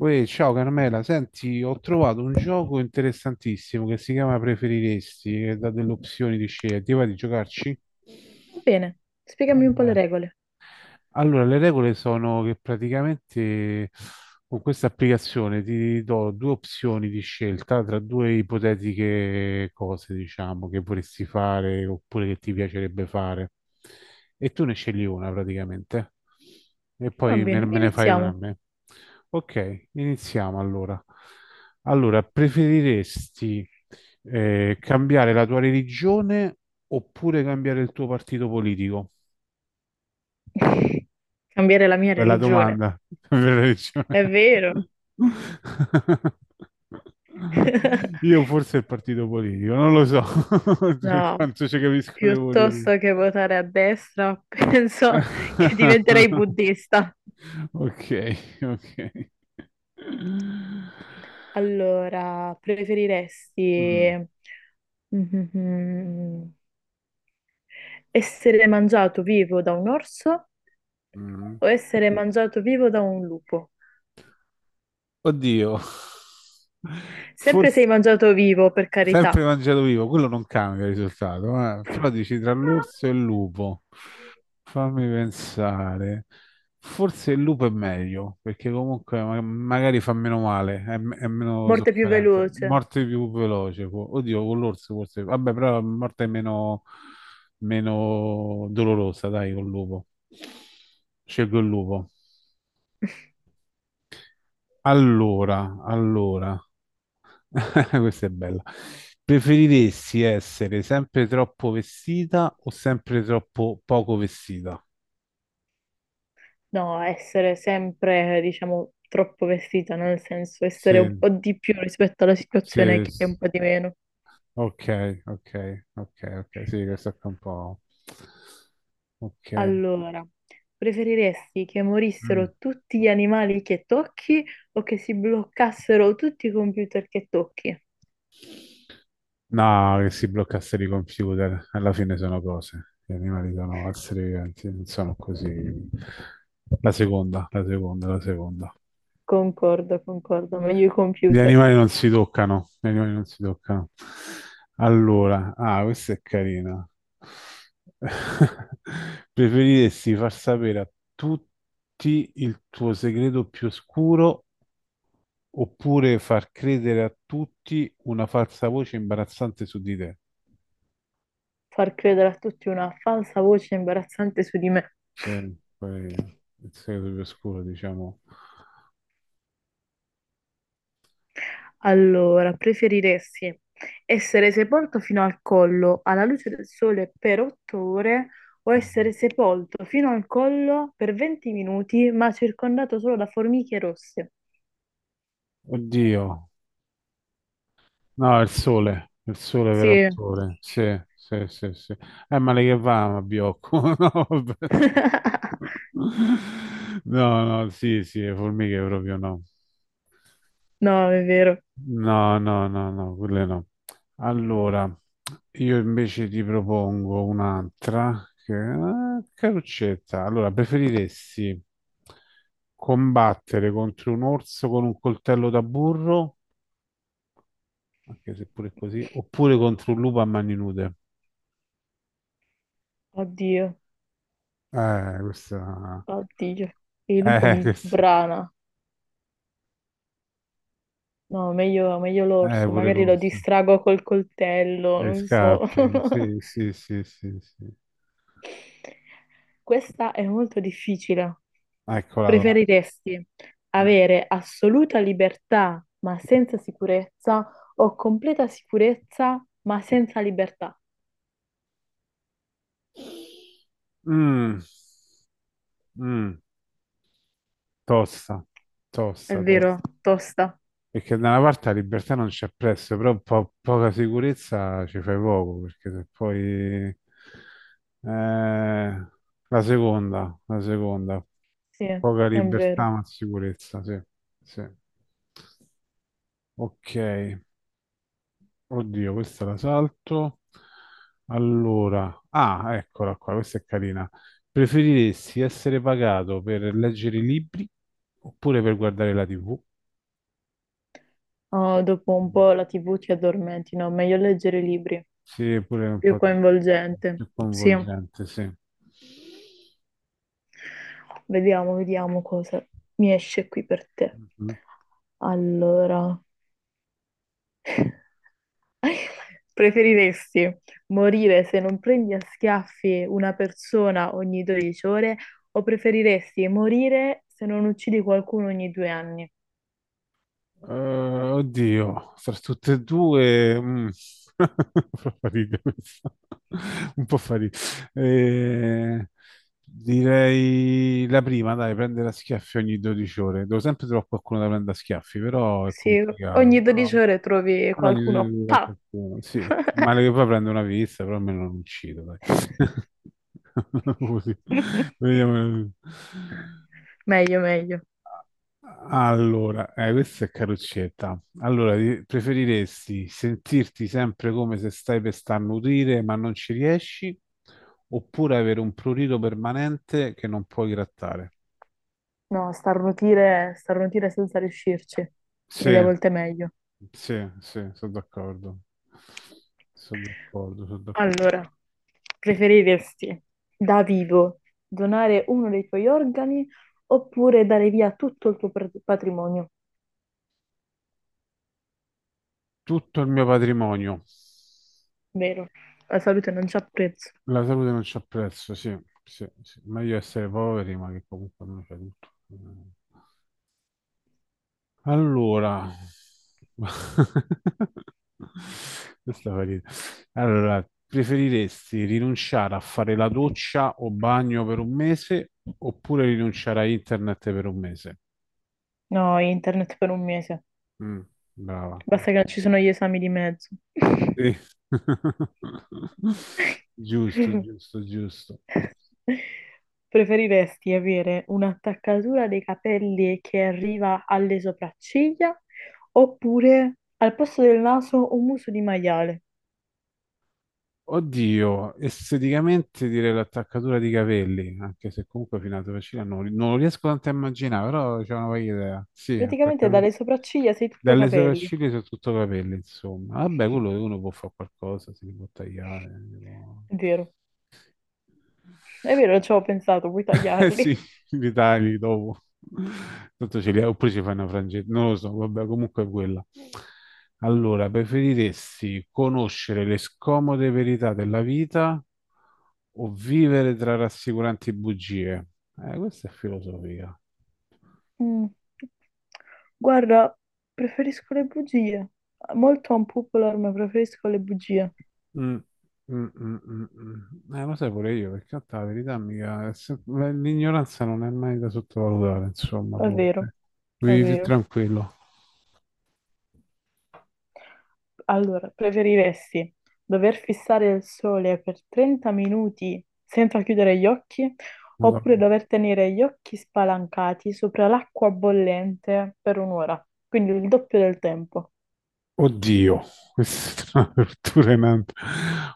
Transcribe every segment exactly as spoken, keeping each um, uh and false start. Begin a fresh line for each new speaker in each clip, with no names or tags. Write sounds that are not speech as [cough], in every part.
Uè, ciao Carmela, senti, ho trovato un gioco interessantissimo che si chiama Preferiresti, che dà delle opzioni di scelta. Ti va di giocarci?
Va bene, spiegami un po' le
Vabbè.
regole.
Allora, le regole sono che praticamente con questa applicazione ti do due opzioni di scelta tra due ipotetiche cose, diciamo, che vorresti fare oppure che ti piacerebbe fare. E tu ne scegli una praticamente. E
Va
poi me,
bene,
me ne fai una a
iniziamo.
me. Ok, iniziamo allora. Allora, preferiresti eh, cambiare la tua religione oppure cambiare il tuo partito politico?
[laughs] Cambiare la mia
Bella
religione.
domanda. [laughs] Bella riccione.
È vero.
Io
[laughs]
forse il partito politico, non lo so [laughs] per
No,
quanto ci capisco di politica.
piuttosto che votare a destra, [laughs] penso che diventerei
[laughs]
buddista.
Ok, ok.
Allora,
Mm.
preferiresti [laughs] Mhm. Essere mangiato vivo da un orso
Mm.
o essere mangiato vivo da un lupo?
Oddio.
Sempre
Forse
sei mangiato vivo, per carità.
sempre mangiato vivo, quello non cambia il risultato. Eh. Però dici tra l'orso e il lupo. Fammi pensare. Forse il lupo è meglio, perché comunque ma- magari fa meno male, è, m- è meno
Morte più
sofferenza.
veloce.
Morte più veloce. può- Oddio, con l'orso forse. Vabbè, però la morte è meno, meno dolorosa, dai, col lupo. Scelgo il lupo. Allora, allora, [laughs] questa è bella. Preferiresti essere sempre troppo vestita o sempre troppo poco vestita?
No, essere sempre, diciamo, troppo vestita, no? Nel senso essere un
Sì,
po' di più rispetto alla situazione
sì,
che è un
s-
po' di meno.
ok, ok, ok, ok, sì, questo è un po'. Ok.
Allora, preferiresti che
Mm.
morissero tutti gli animali che tocchi o che si bloccassero tutti i computer che tocchi?
No, che si bloccassero i computer, alla fine sono cose, gli animali sono esseri viventi, non sono così. La seconda, la seconda, la seconda.
Concordo, concordo, meglio i
Gli
computer.
animali non si toccano, gli animali non si toccano. Allora, ah, questa è carina. [laughs] Preferiresti far sapere a tutti il tuo segreto più oscuro oppure far credere a tutti una falsa voce imbarazzante su di te?
Far credere a tutti una falsa voce imbarazzante su di me.
Sì, poi il segreto più oscuro, diciamo.
Allora, preferiresti essere sepolto fino al collo alla luce del sole per otto ore o
Mm.
essere sepolto fino al collo per venti minuti ma circondato solo da formiche rosse?
Oddio. No, il sole, il sole vero il
Sì.
sole, sì, sì, sì, sì. Eh, ma lei che va, ma Biocco? [laughs] No, vabbè.
[laughs]
No, no, sì, sì, le formiche proprio no.
No, è vero.
No, no, no, no, quelle no. Allora, io invece ti propongo un'altra, che ah, caruccetta. Allora, preferiresti combattere contro un orso con un coltello da burro, anche se pure così, oppure contro un lupo a mani nude?
Oddio,
Eh, questa.
oddio. Il lupo
Eh,
mi
[laughs] questa.
sbrana. No, meglio, meglio
Eh,
l'orso,
pure
magari lo
l'orso.
distrago col coltello,
Dei
non so.
scappi. Sì,
[laughs]
sì, sì, sì, sì.
Questa è molto difficile.
Eccola là.
Preferiresti avere assoluta libertà ma senza sicurezza o completa sicurezza ma senza libertà?
Mm, mm, tosta,
È
tosta, tosta.
vero, tosta.
Perché da una parte la libertà non c'è prezzo, però po- poca sicurezza ci fai poco, perché se poi. Eh, la seconda, la seconda.
Sì, è
Poca libertà
vero.
ma sicurezza, sì, sì. Ok. Oddio, questa la salto. Allora, ah, eccola qua, questa è carina. Preferiresti essere pagato per leggere i libri oppure per guardare la T V?
Oh, dopo un po' la T V ti addormenti, no? Meglio leggere i libri,
Sì, pure un
più
po'
coinvolgente.
più
Sì,
coinvolgente, sì.
vediamo, vediamo cosa mi esce qui per te.
Mhm.
Allora. [laughs] [laughs] Preferiresti morire se non prendi a schiaffi una persona ogni dodici ore o preferiresti morire se non uccidi qualcuno ogni due anni?
Eh, oddio, fra tutte e due, mm. [laughs] Fa ridere questa. Un po' fa ridere. Eh, direi la prima, dai, prendere a schiaffi ogni dodici ore. Devo sempre trovare qualcuno da prendere a schiaffi, però è
Sì,
complicato.
ogni
Però,
dodici ore trovi
però ogni dodici ore
qualcuno.
trovare
Pa!
qualcuno. Sì, male che
[laughs]
poi prendo una pizza, però almeno non uccido, dai. [laughs] Così. Vediamo.
Meglio, meglio.
Allora, eh, questa è caruccetta. Allora, di- preferiresti sentirti sempre come se stai per starnutire ma non ci riesci, oppure avere un prurito permanente che non puoi grattare?
No, starnutire, starnutire senza riuscirci.
Sì,
Mille volte meglio.
sì, sì, sono d'accordo. Sono d'accordo, sono d'accordo.
Allora, preferiresti da vivo donare uno dei tuoi organi oppure dare via tutto il tuo pr- patrimonio?
Tutto il mio patrimonio.
Vero, la salute non c'ha prezzo.
La salute non c'ha prezzo, sì, sì, sì. Meglio essere poveri, ma che comunque non c'è tutto. Allora, [laughs] questa fa ridere. Allora, preferiresti rinunciare a fare la doccia o bagno per un mese oppure rinunciare a internet per un mese?
No, internet per un mese.
Mm, brava.
Basta che
Brava.
non ci sono gli esami di mezzo.
Sì. [laughs] Giusto,
[laughs]
giusto, giusto.
[laughs] Preferiresti avere un'attaccatura dei capelli che arriva alle sopracciglia oppure al posto del naso un muso di maiale?
Oddio, esteticamente direi l'attaccatura di capelli, anche se comunque fino alla Torrecina non, non lo riesco tanto a immaginare, però c'è una varia idea. Sì,
Praticamente
attaccatura.
dalle sopracciglia sei tutto
Dalle
capelli.
sopracciglia sono tutto capelli, insomma. Vabbè, quello che uno può fare qualcosa, si può tagliare. si può-
È vero, è vero, ci avevo pensato, puoi
[laughs] Eh sì,
tagliarli.
li tagli dopo. Tanto ce li oppure ci fai una frangetta, non lo so, vabbè, comunque è quella. Allora, preferiresti conoscere le scomode verità della vita o vivere tra rassicuranti bugie? Eh, questa è filosofia.
Mm. Guarda, preferisco le bugie. Molto unpopular, ma preferisco le bugie.
Mm, mm, mm, mm, mm. Eh, lo sai pure io, perché in realtà la verità mica è se- l'ignoranza non è mai da sottovalutare, insomma.
È vero,
Comunque.
è
Vivi più
vero.
tranquillo.
Allora, preferiresti dover fissare il sole per trenta minuti senza chiudere gli occhi oppure
Madonna.
dover tenere gli occhi spalancati sopra l'acqua bollente per un'ora, quindi il doppio del tempo.
Oddio, questa [laughs] è una tortura in ant-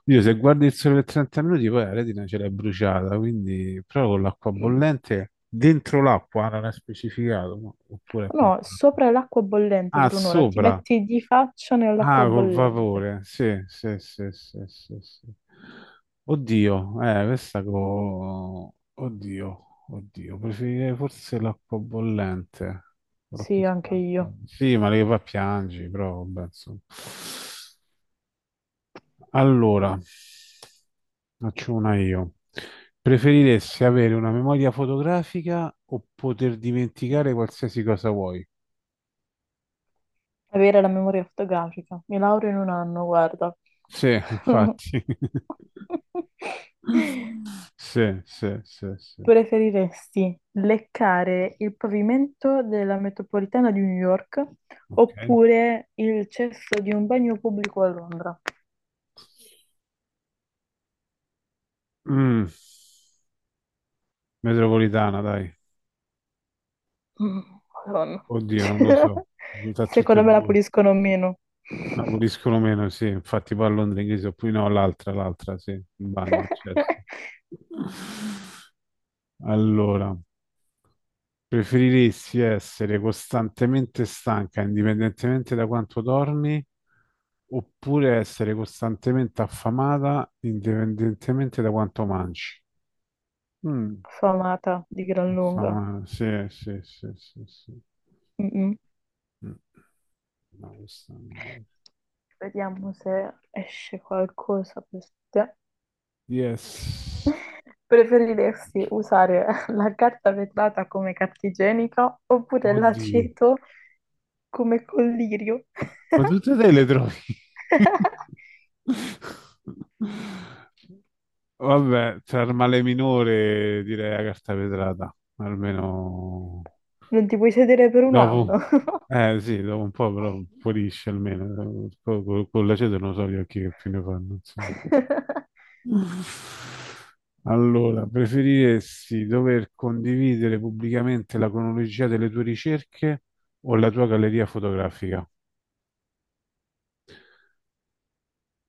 Oddio, se guardi il sole per trenta minuti poi la retina ce l'hai bruciata, quindi però con l'acqua bollente dentro l'acqua ah, non è specificato, no? Oppure a
No,
contatto.
sopra l'acqua bollente
Ah,
per un'ora, ti
sopra.
metti di faccia
Ah,
nell'acqua
col
bollente.
vapore. Sì, sì, sì, sì, sì, sì. Oddio, eh, questa co... Oddio, oddio, preferirei forse l'acqua bollente. Però chi
Sì, anche
sa.
io.
Sì, ma le fa piangi, però vabbè, insomma. Allora, faccio una io. Preferiresti avere una memoria fotografica o poter dimenticare qualsiasi cosa vuoi?
Avere la memoria fotografica. Mi laureo in un anno, guarda.
Sì,
[laughs]
infatti.
[laughs]
[laughs] Sì, sì, sì, sì.
Preferiresti leccare il pavimento della metropolitana di New York
Ok.
oppure il cesso di un bagno pubblico a Londra?
Mm, metropolitana, dai.
Mm, Madonna.
Oddio, non lo so.
[laughs]
Da tutte e
Secondo me la
due.
puliscono meno. [laughs]
Aboliscono meno, sì. Infatti poi a Londra inglese, oppure no, l'altra, l'altra, sì. Il bagno, certo. Allora, preferiresti essere costantemente stanca, indipendentemente da quanto dormi, oppure essere costantemente affamata, indipendentemente da quanto mangi? Mm,
Famata di gran lunga.
affamata, sì, sì, sì, sì, sì.
Mm-mm.
Mm, no, questa è un'idea.
Vediamo se esce qualcosa per te.
Yes.
Preferiresti usare [laughs] la carta vetrata come carta igienica oppure
Oddio.
l'aceto come collirio?
Ma tutte
[laughs]
te le trovi? Vabbè, tra il male minore direi la carta vetrata, almeno
Non ti puoi sedere per un
dopo.
anno.
Eh sì, dopo un po' però pulisce almeno. Co- co- Con, l'aceto non so gli occhi che più ne fanno. Insomma.
[laughs]
Allora, preferiresti dover condividere pubblicamente la cronologia delle tue ricerche o la tua galleria fotografica?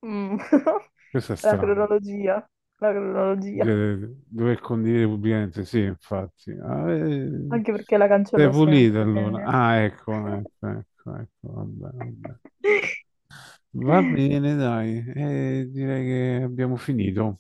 Mm. [laughs]
Questo è
La
strano.
cronologia, la cronologia,
Cioè, dover condire pubblicamente, sì, infatti. Ah, eh,
anche perché la
sei
cancello
pulito
sempre,
allora.
quindi.
Ah, ecco, ecco, ecco, ecco, vabbè, vabbè.
[laughs]
Va bene, dai, eh, direi che abbiamo finito.